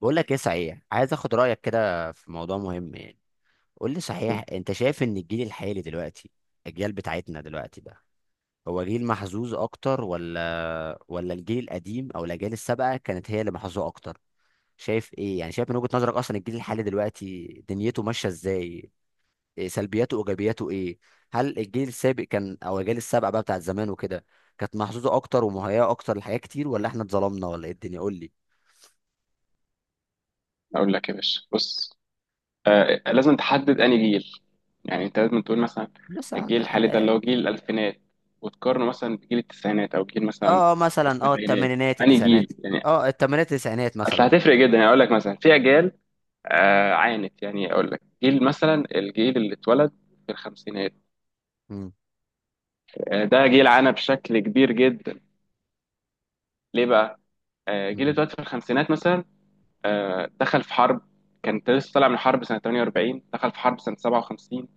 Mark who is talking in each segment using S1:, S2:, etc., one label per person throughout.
S1: بقول لك ايه صحيح، عايز اخد رايك كده في موضوع مهم يعني. قول لي صحيح، انت شايف ان الجيل الحالي دلوقتي، الجيل بتاعتنا دلوقتي ده، هو جيل محظوظ اكتر ولا الجيل القديم او الاجيال السابقه كانت هي اللي محظوظه اكتر؟ شايف ايه يعني، شايف من وجهة نظرك اصلا الجيل الحالي دلوقتي دنيته ماشيه ازاي؟ إيه سلبياته وايجابياته ايه؟ هل الجيل السابق كان او الاجيال السابقه بقى بتاعت زمان وكده كانت محظوظه اكتر ومهيئه اكتر لحاجات كتير، ولا احنا اتظلمنا، ولا ايه الدنيا؟ قول لي.
S2: اقول لك يا باشا، بص. آه، لازم تحدد انهي جيل. يعني انت لازم تقول مثلا
S1: مثلا.
S2: الجيل الحالي ده اللي هو جيل الالفينات، وتقارنه مثلا بجيل التسعينات او جيل مثلا
S1: اه، مثلا اه
S2: السبعينات.
S1: الثمانينات
S2: انهي جيل
S1: التسعينات.
S2: يعني؟
S1: اه، الثمانينات التسعينات
S2: اصل
S1: مثلا.
S2: هتفرق جدا. يعني اقول لك مثلا في اجيال عانت. يعني اقول لك جيل مثلا، الجيل اللي اتولد في الخمسينات.
S1: مم.
S2: آه، ده جيل عانى بشكل كبير جدا. ليه بقى؟ آه، جيل اللي
S1: مم.
S2: اتولد في الخمسينات مثلا، آه، دخل في حرب. كان لسه طالع من حرب سنة 48، دخل في حرب سنة 57،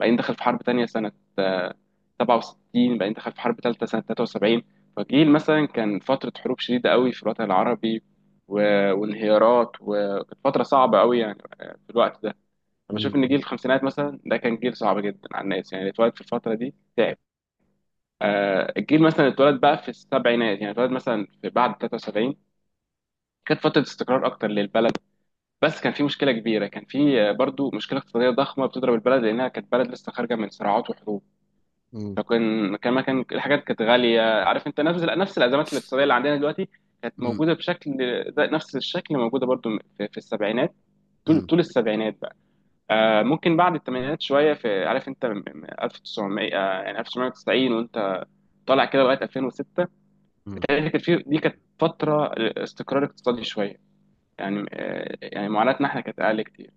S2: بعدين دخل في حرب تانية سنة، آه، 67، بعدين دخل في حرب تالتة سنة 73. فجيل مثلا كان فترة حروب شديدة قوي في الوطن العربي، و... وانهيارات، وكانت فترة صعبة قوي. يعني في الوقت ده أنا بشوف إن جيل
S1: مم.
S2: الخمسينات مثلا ده كان جيل صعب جدا على الناس، يعني اللي اتولد في الفترة دي تعب. الجيل مثلا اللي اتولد بقى في السبعينات، يعني اتولد مثلا في بعد 73، كانت فترة استقرار أكتر للبلد. بس كان في مشكلة كبيرة، كان في برضو مشكلة اقتصادية ضخمة بتضرب البلد، لأنها كانت بلد لسه خارجة من صراعات وحروب.
S1: مم.
S2: فكان كان كان الحاجات كانت غاليه. عارف انت، نفس الازمات الاقتصاديه اللي عندنا دلوقتي كانت
S1: مم.
S2: موجوده بشكل، ده نفس الشكل موجوده برضو في السبعينات، طول
S1: مم.
S2: طول السبعينات بقى. آه، ممكن بعد الثمانينات شويه في، عارف انت، من 1900 آه يعني 1990، وانت طالع كده لغايه 2006،
S1: مم.
S2: بتهيألي كانت في، دي كانت فتره استقرار اقتصادي شويه. يعني يعني معاناتنا احنا كانت اقل كتير.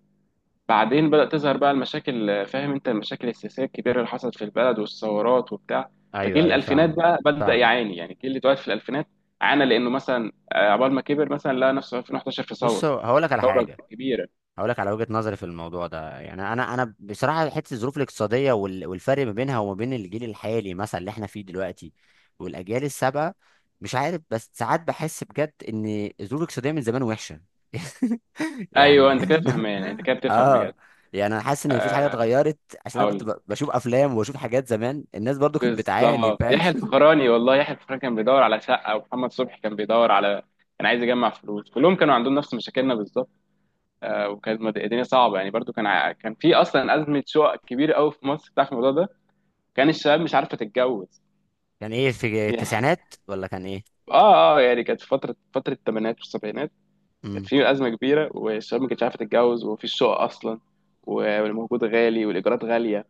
S2: بعدين بدأت تظهر بقى المشاكل، فاهم انت، المشاكل السياسية الكبيرة اللي حصلت في البلد والثورات وبتاع.
S1: ايوه،
S2: فجيل
S1: ايوه،
S2: الألفينات
S1: فاهم.
S2: بقى بدأ
S1: فاهم.
S2: يعاني، يعني جيل اللي اتولد في الألفينات عانى، لأنه مثلا عقبال ما كبر مثلا لقى نفسه في 2011 في
S1: بص،
S2: ثورة،
S1: هقول لك على
S2: ثورة
S1: حاجه.
S2: كبيرة.
S1: هقول لك على وجهة نظري في الموضوع ده يعني، انا بصراحة حتة الظروف الاقتصادية والفرق ما بينها وما بين الجيل الحالي مثلا اللي احنا فيه دلوقتي والاجيال السابقة. مش عارف، بس ساعات بحس بجد ان الظروف الاقتصادية من زمان وحشة.
S2: أيوه،
S1: يعني
S2: أنت كده فهمان، يعني أنت كده بتفهم بجد.
S1: اه. يعني انا حاسس ان مفيش حاجة
S2: آه،
S1: اتغيرت. عشان انا
S2: هقول
S1: كنت
S2: لك.
S1: بشوف افلام وبشوف حاجات زمان الناس برضو كانت بتعاني،
S2: بالظبط
S1: فاهم.
S2: يحيى الفخراني، والله يحيى الفخراني كان بيدور على شقة، ومحمد صبحي كان بيدور على، كان عايز يجمع فلوس. كلهم كانوا عندهم نفس مشاكلنا بالظبط. الدنيا صعبه، يعني برضو كان في اصلا ازمه شقق كبيره قوي في مصر بتاعت الموضوع ده. كان الشباب مش عارفه تتجوز.
S1: كان ايه في
S2: يعني
S1: التسعينات، ولا كان ايه؟
S2: اه اه، يعني كانت في فتره، الثمانينات والسبعينات كانت
S1: امم.
S2: في ازمه كبيره، والشباب ما كانتش عارفه تتجوز، ومفيش شقق اصلا، والموجود غالي، والايجارات غاليه.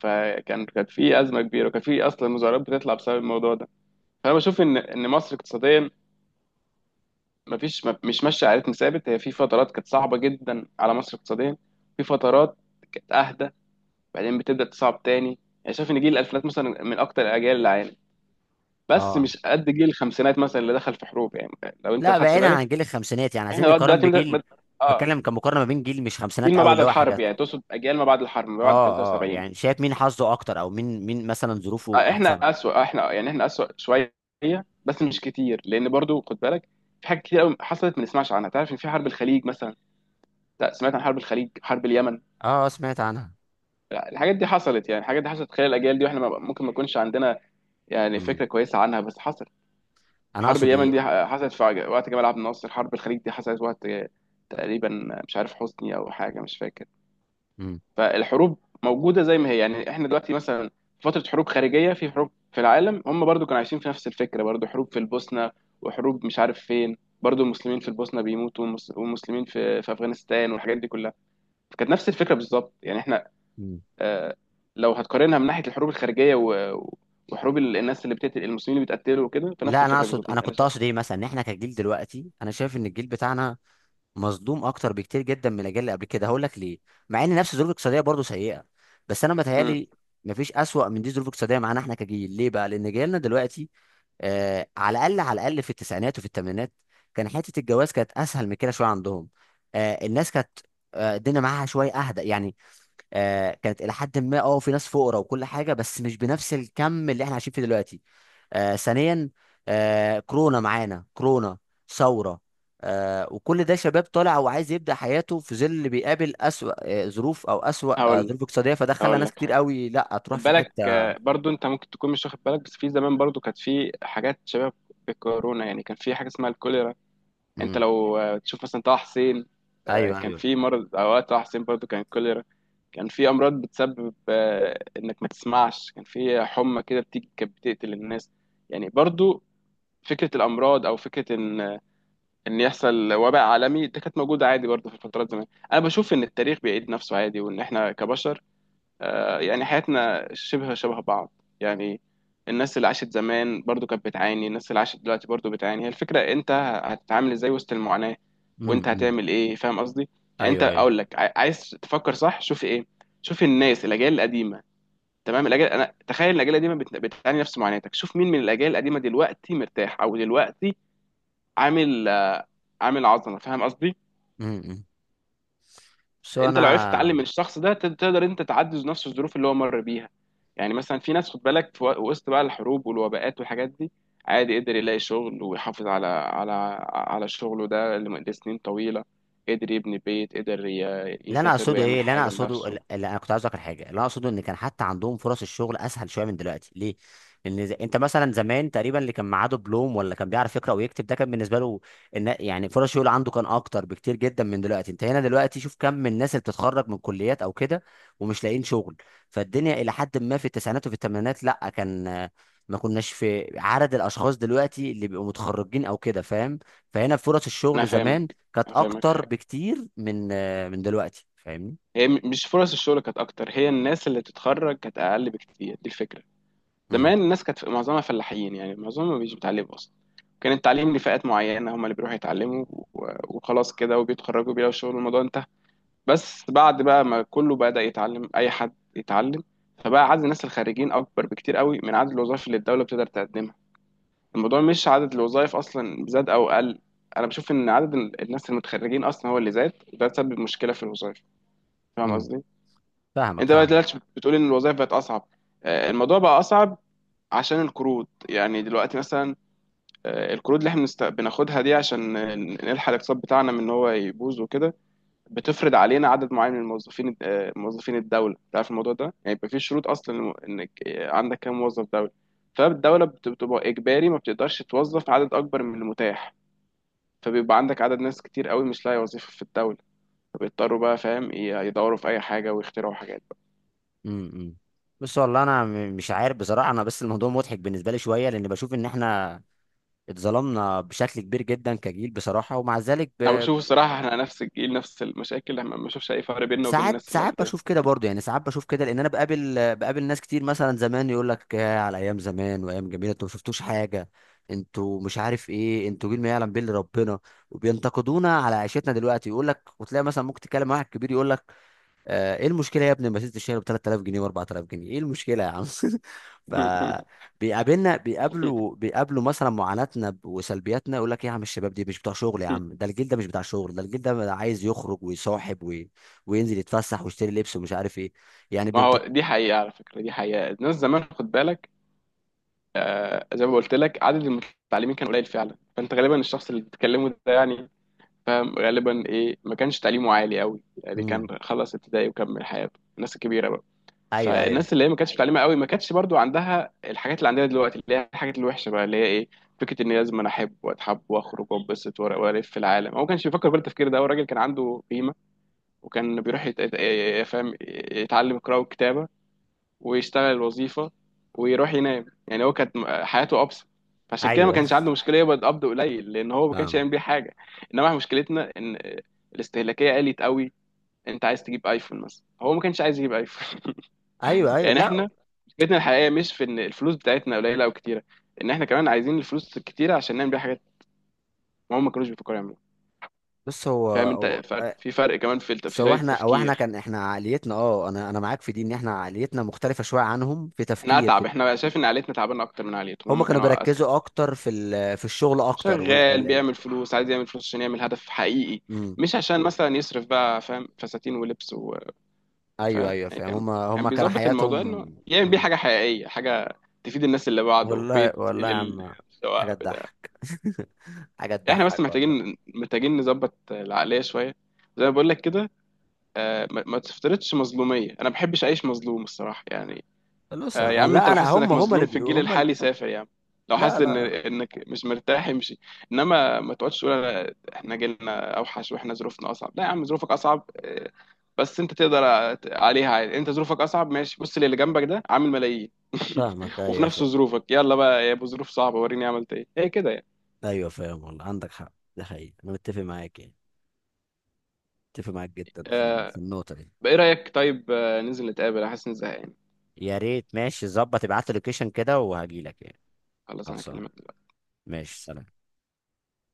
S2: كانت في ازمه كبيره، وكان في اصلا مظاهرات بتطلع بسبب الموضوع ده. فانا بشوف ان مصر اقتصاديا، مش ماشيه على رتم ثابت. هي في فترات كانت صعبه جدا على مصر اقتصاديا، في فترات كانت اهدى، بعدين بتبدأ تصعب تاني. يعني شايف إن جيل الألفينات مثلا من أكتر الأجيال اللي عانت، بس
S1: اه،
S2: مش قد جيل الخمسينات مثلا اللي دخل في حروب يعني. لو أنت
S1: لا،
S2: خدت
S1: بعيدا
S2: بالك،
S1: عن جيل الخمسينات، يعني
S2: إحنا
S1: عايزين
S2: لغاية
S1: نقارن
S2: دلوقتي
S1: بجيل.
S2: آه.
S1: بتكلم كمقارنه ما بين جيل مش
S2: جيل
S1: خمسينات
S2: ما
S1: قوي،
S2: بعد
S1: اللي هو
S2: الحرب،
S1: حاجات.
S2: يعني تقصد أجيال ما بعد الحرب، ما بعد
S1: اه، اه،
S2: 73؟
S1: يعني شايف مين حظه اكتر، او مين مثلا ظروفه
S2: آه، إحنا
S1: احسن؟
S2: أسوأ. آه، إحنا يعني إحنا أسوأ شوية، بس مش كتير، لأن برضو خد بالك في حاجات كتير قوي حصلت ما نسمعش عنها. تعرف إن في حرب الخليج مثلا؟ لا، سمعت عن حرب الخليج. حرب اليمن،
S1: اه، سمعت عنها.
S2: لا، الحاجات دي حصلت. يعني الحاجات دي حصلت خلال الأجيال دي، وإحنا ممكن ما نكونش عندنا يعني
S1: امم.
S2: فكرة كويسة عنها، بس حصلت.
S1: انا
S2: حرب
S1: اقصد
S2: اليمن
S1: ايه.
S2: دي حصلت في وقت جمال عبد الناصر، حرب الخليج دي حصلت وقت تقريبا، مش عارف، حسني او حاجه، مش فاكر.
S1: امم،
S2: فالحروب موجوده زي ما هي، يعني احنا دلوقتي مثلا في فتره حروب خارجيه، في حروب في العالم، هم برضو كانوا عايشين في نفس الفكره، برضو حروب في البوسنه، وحروب مش عارف فين، برضو المسلمين في البوسنه بيموتوا، والمسلمين في افغانستان، والحاجات دي كلها. فكانت نفس الفكره بالظبط، يعني احنا،
S1: امم.
S2: آه، لو هتقارنها من ناحيه الحروب الخارجيه وحروب الناس اللي بتقتل، المسلمين اللي بيتقتلوا وكده، فنفس
S1: لا،
S2: الفكره بالظبط
S1: انا
S2: انا
S1: كنت
S2: شايف.
S1: اقصد ايه مثلا، ان احنا كجيل دلوقتي، انا شايف ان الجيل بتاعنا مصدوم اكتر بكتير جدا من الاجيال اللي قبل كده. هقول لك ليه. مع ان نفس الظروف الاقتصاديه برضه سيئه، بس انا
S2: مم.
S1: متهيالي مفيش اسوأ من دي ظروف اقتصاديه معانا احنا كجيل. ليه بقى؟ لان جيلنا دلوقتي، على الاقل، على الاقل في التسعينات وفي الثمانينات كان حته الجواز كانت اسهل من كده شويه عندهم. الناس كانت، الدنيا معاها شويه اهدى يعني. كانت الى حد ما، اه، في ناس فقراء وكل حاجه، بس مش بنفس الكم اللي احنا عايشين فيه دلوقتي. ثانيا، كورونا، معانا كورونا، ثوره، وكل ده شباب طالع وعايز يبدا حياته في ظل اللي بيقابل اسوأ ظروف، او اسوأ
S2: هقول لك،
S1: ظروف اقتصاديه. فده خلى
S2: هقول
S1: ناس
S2: لك
S1: كتير
S2: حاجه.
S1: قوي لا تروح
S2: خد
S1: في
S2: بالك
S1: حته.
S2: برضو، انت ممكن تكون مش واخد بالك، بس في زمان برضو كانت في حاجات شبه بالكورونا. يعني كان في حاجه اسمها الكوليرا. انت
S1: امم.
S2: لو تشوف مثلا طه حسين،
S1: ايوه،
S2: كان
S1: ايوه.
S2: في مرض اوقات طه حسين برضو كان الكوليرا. كان في امراض بتسبب انك ما تسمعش، كان في حمى كده بتيجي كانت بتقتل الناس. يعني برضو فكره الامراض، او فكره ان ان يحصل وباء عالمي، ده كانت موجوده عادي برضو في الفترات زمان. انا بشوف ان التاريخ بيعيد نفسه عادي، وان احنا كبشر يعني حياتنا شبه بعض. يعني الناس اللي عاشت زمان برضو كانت بتعاني، الناس اللي عاشت دلوقتي برضو بتعاني. هي الفكرة انت هتتعامل ازاي وسط المعاناة، وانت
S1: امم.
S2: هتعمل ايه، فاهم قصدي؟ يعني انت،
S1: ايوه، ايوه.
S2: اقول لك، عايز تفكر صح، شوف ايه، شوف الناس، الاجيال القديمة، تمام؟ الاجيال، انا تخيل الاجيال القديمة بتعاني نفس معاناتك. شوف مين من الاجيال القديمة دلوقتي مرتاح، او دلوقتي عامل، عظمة، فاهم قصدي؟
S1: امم. بس
S2: انت لو عرفت
S1: انا،
S2: تتعلم من الشخص ده، تقدر انت تعدي نفس الظروف اللي هو مر بيها. يعني مثلا في ناس، خد بالك، في وسط بقى الحروب والوباءات والحاجات دي، عادي قدر يلاقي شغل ويحافظ على على شغله ده لسنين طويلة، قدر يبني بيت، قدر يسافر ويعمل حاجة لنفسه.
S1: اللي انا كنت عايز اذكر حاجه اللي انا اقصده ان كان حتى عندهم فرص الشغل اسهل شويه من دلوقتي. ليه؟ لان، انت مثلا زمان تقريبا اللي كان معاه دبلوم، ولا كان بيعرف يقرا ويكتب، ده كان بالنسبه له إن يعني فرص الشغل عنده كان اكتر بكتير جدا من دلوقتي. انت هنا دلوقتي شوف كم من الناس اللي بتتخرج من كليات او كده ومش لاقيين شغل. فالدنيا الى حد ما في التسعينات وفي الثمانينات لا كان، ما كناش في عدد الاشخاص دلوقتي اللي بيبقوا متخرجين او كده، فاهم. فهنا فرص
S2: انا
S1: الشغل زمان
S2: فاهمك،
S1: كانت
S2: انا فاهمك
S1: اكتر
S2: حاجة.
S1: بكتير من دلوقتي، فاهمني؟
S2: هي مش فرص الشغل كانت اكتر، هي الناس اللي تتخرج كانت اقل بكتير، دي الفكرة.
S1: امم،
S2: زمان الناس كانت معظمها فلاحين، يعني معظمهم مش بيتعلموا اصلا. كان التعليم لفئات معينه، هم اللي بيروحوا يتعلموا وخلاص كده، وبيتخرجوا بيلاقوا شغل، الموضوع انتهى. بس بعد بقى ما كله بدأ يتعلم، اي حد يتعلم، فبقى عدد الناس الخارجين اكبر بكتير قوي من عدد الوظائف اللي الدوله بتقدر تقدمها. الموضوع مش عدد الوظائف اصلا زاد او قل. انا بشوف ان عدد الناس المتخرجين اصلا هو اللي زاد، وده سبب مشكله في الوظائف، فاهم
S1: امم.
S2: قصدي؟
S1: فاهمك،
S2: انت بقى
S1: فاهمك.
S2: دلوقتي بتقول ان الوظائف بقت اصعب. الموضوع بقى اصعب عشان القروض. يعني دلوقتي مثلا القروض اللي احنا بناخدها دي، عشان نلحق الاقتصاد بتاعنا من ان هو يبوظ وكده، بتفرض علينا عدد معين من الموظفين، موظفين الدوله. انت عارف الموضوع ده، يعني يبقى في شروط اصلا، انك عندك كام موظف دوله. فالدوله بتبقى اجباري ما بتقدرش توظف عدد اكبر من المتاح، فبيبقى عندك عدد ناس كتير قوي مش لاقي وظيفه في الدوله، فبيضطروا بقى، فاهم، يدوروا في اي حاجه ويخترعوا حاجات بقى.
S1: امم، امم. بص، والله انا، مش عارف بصراحه، انا بس الموضوع مضحك بالنسبه لي شويه، لان بشوف ان احنا اتظلمنا بشكل كبير جدا كجيل بصراحه، ومع ذلك
S2: انا بشوف الصراحه احنا نفس الجيل، نفس المشاكل، ما بشوفش اي فرق بيننا وبين
S1: ساعات،
S2: الناس اللي
S1: ساعات
S2: قبلنا.
S1: بشوف كده برضه، يعني ساعات بشوف كده، لان انا بقابل ناس كتير مثلا زمان يقول لك: يا على ايام زمان وايام جميله، انتوا ما شفتوش حاجه، انتوا مش عارف ايه، انتوا جيل ما يعلم به إلا ربنا. وبينتقدونا على عيشتنا دلوقتي، يقول لك، وتلاقي مثلا ممكن تتكلم مع واحد كبير يقول لك، ايه المشكله يا ابني، ما ست الشهر ب 3000 جنيه و 4000 جنيه، ايه المشكله يا عم؟ ف بيقابلنا بيقابلوا بيقابلوا مثلا معاناتنا وسلبياتنا، يقول لك ايه يا عم، الشباب دي مش بتوع شغل يا عم، ده الجيل ده مش بتاع شغل، ده الجيل ده عايز يخرج ويصاحب وينزل يتفسح ويشتري لبس، ومش عارف ايه يعني
S2: ما
S1: بنت.
S2: هو دي حقيقة، على فكرة دي حقيقة. الناس زمان خد بالك، آه زي ما قلت لك، عدد المتعلمين كان قليل فعلا، فأنت غالبا الشخص اللي بتتكلمه ده يعني، فاهم، غالبا إيه، ما كانش تعليمه عالي قوي، يعني كان
S1: امم.
S2: خلص ابتدائي وكمل حياته، الناس الكبيرة بقى.
S1: ايوه، ايوه.
S2: فالناس اللي هي ما كانتش متعلمة قوي ما كانتش برضو عندها الحاجات اللي عندنا دلوقتي، اللي هي الحاجات الوحشة بقى، اللي هي إيه؟ فكرة إن لازم أنا أحب وأتحب وأخرج وأنبسط وألف في العالم. هو ما كانش بيفكر بالتفكير ده، هو الراجل كان عنده قيمة، وكان بيروح فاهم، يتعلم قراءة وكتابة، ويشتغل الوظيفة، ويروح ينام. يعني هو كانت حياته أبسط، فعشان كده ما
S1: ايوه،
S2: كانش عنده مشكلة يقبض قبض قليل، لأن هو ما كانش يعمل
S1: فاهمك.
S2: بيه حاجة. إنما إحنا مشكلتنا إن الاستهلاكية قلت قوي. أنت عايز تجيب أيفون مثلا، هو ما كانش عايز يجيب أيفون.
S1: ايوه، ايوه،
S2: يعني
S1: لا.
S2: إحنا مشكلتنا الحقيقية مش في إن الفلوس بتاعتنا قليلة أو كتيرة، إن إحنا كمان عايزين الفلوس الكتيرة عشان نعمل بيها حاجات، ما هم ما كانوش بيفكروا يعملوها.
S1: بص، هو
S2: فاهم أنت؟
S1: هو
S2: فرق، فرق كمان في في
S1: سواء
S2: طريقة
S1: احنا او احنا،
S2: التفكير.
S1: كان احنا عقليتنا، اه، انا معاك في دي، ان احنا عقليتنا مختلفه شويه عنهم في
S2: إحنا
S1: تفكير في.
S2: أتعب، إحنا بقى شايف إن عائلتنا تعبانة أكتر من عائلتهم،
S1: هم
S2: هم
S1: كانوا
S2: كانوا أذكى.
S1: بيركزوا اكتر في في الشغل اكتر وال
S2: شغال
S1: ال... ال...
S2: بيعمل فلوس، عايز يعمل فلوس عشان يعمل هدف حقيقي،
S1: مم.
S2: مش عشان مثلا يصرف بقى، فاهم، فساتين ولبس
S1: ايوه،
S2: وفاهم.
S1: ايوه،
S2: يعني
S1: فاهم.
S2: كان،
S1: هم كان
S2: بيظبط الموضوع
S1: حياتهم.
S2: انه يعمل بيه
S1: مم.
S2: حاجه حقيقيه، حاجه تفيد الناس اللي بعده،
S1: والله،
S2: بيت
S1: والله يا عم، حاجه
S2: سواء بتاع.
S1: تضحك. حاجه
S2: يعني احنا بس
S1: تضحك والله.
S2: محتاجين، نظبط العقليه شويه، زي ما بقول لك كده. ما تفترضش مظلوميه، انا ما بحبش اعيش مظلوم الصراحه يعني.
S1: بص انا،
S2: يا عم انت
S1: لا،
S2: لو
S1: انا
S2: حاسس
S1: هم
S2: انك
S1: هم اللي
S2: مظلوم في الجيل الحالي سافر يا عم، لو
S1: لا،
S2: حاسس ان
S1: لا.
S2: مش مرتاح امشي، انما ما تقعدش تقول احنا جيلنا اوحش واحنا ظروفنا اصعب. لا يا عم، ظروفك اصعب بس انت تقدر عليها عادي. انت ظروفك اصعب ماشي، بص للي جنبك ده عامل ملايين
S1: فاهمك،
S2: وفي
S1: ايوه،
S2: نفس
S1: فاهم.
S2: ظروفك، يلا بقى يا ابو ظروف صعبه، وريني عملت ايه. هي كده يعني.
S1: ايوه، فاهم، والله عندك حق، ده حقيقي، انا متفق معاك يعني. متفق معاك جدا في في
S2: آه،
S1: النقطه دي.
S2: بقى ايه رايك؟ طيب ننزل نتقابل، احس اني زهقان.
S1: يا ريت، ماشي، ظبط ابعت لي لوكيشن كده وهجيلك يعني.
S2: خلاص، انا
S1: خلصان.
S2: اكلمك.
S1: ماشي، سلام.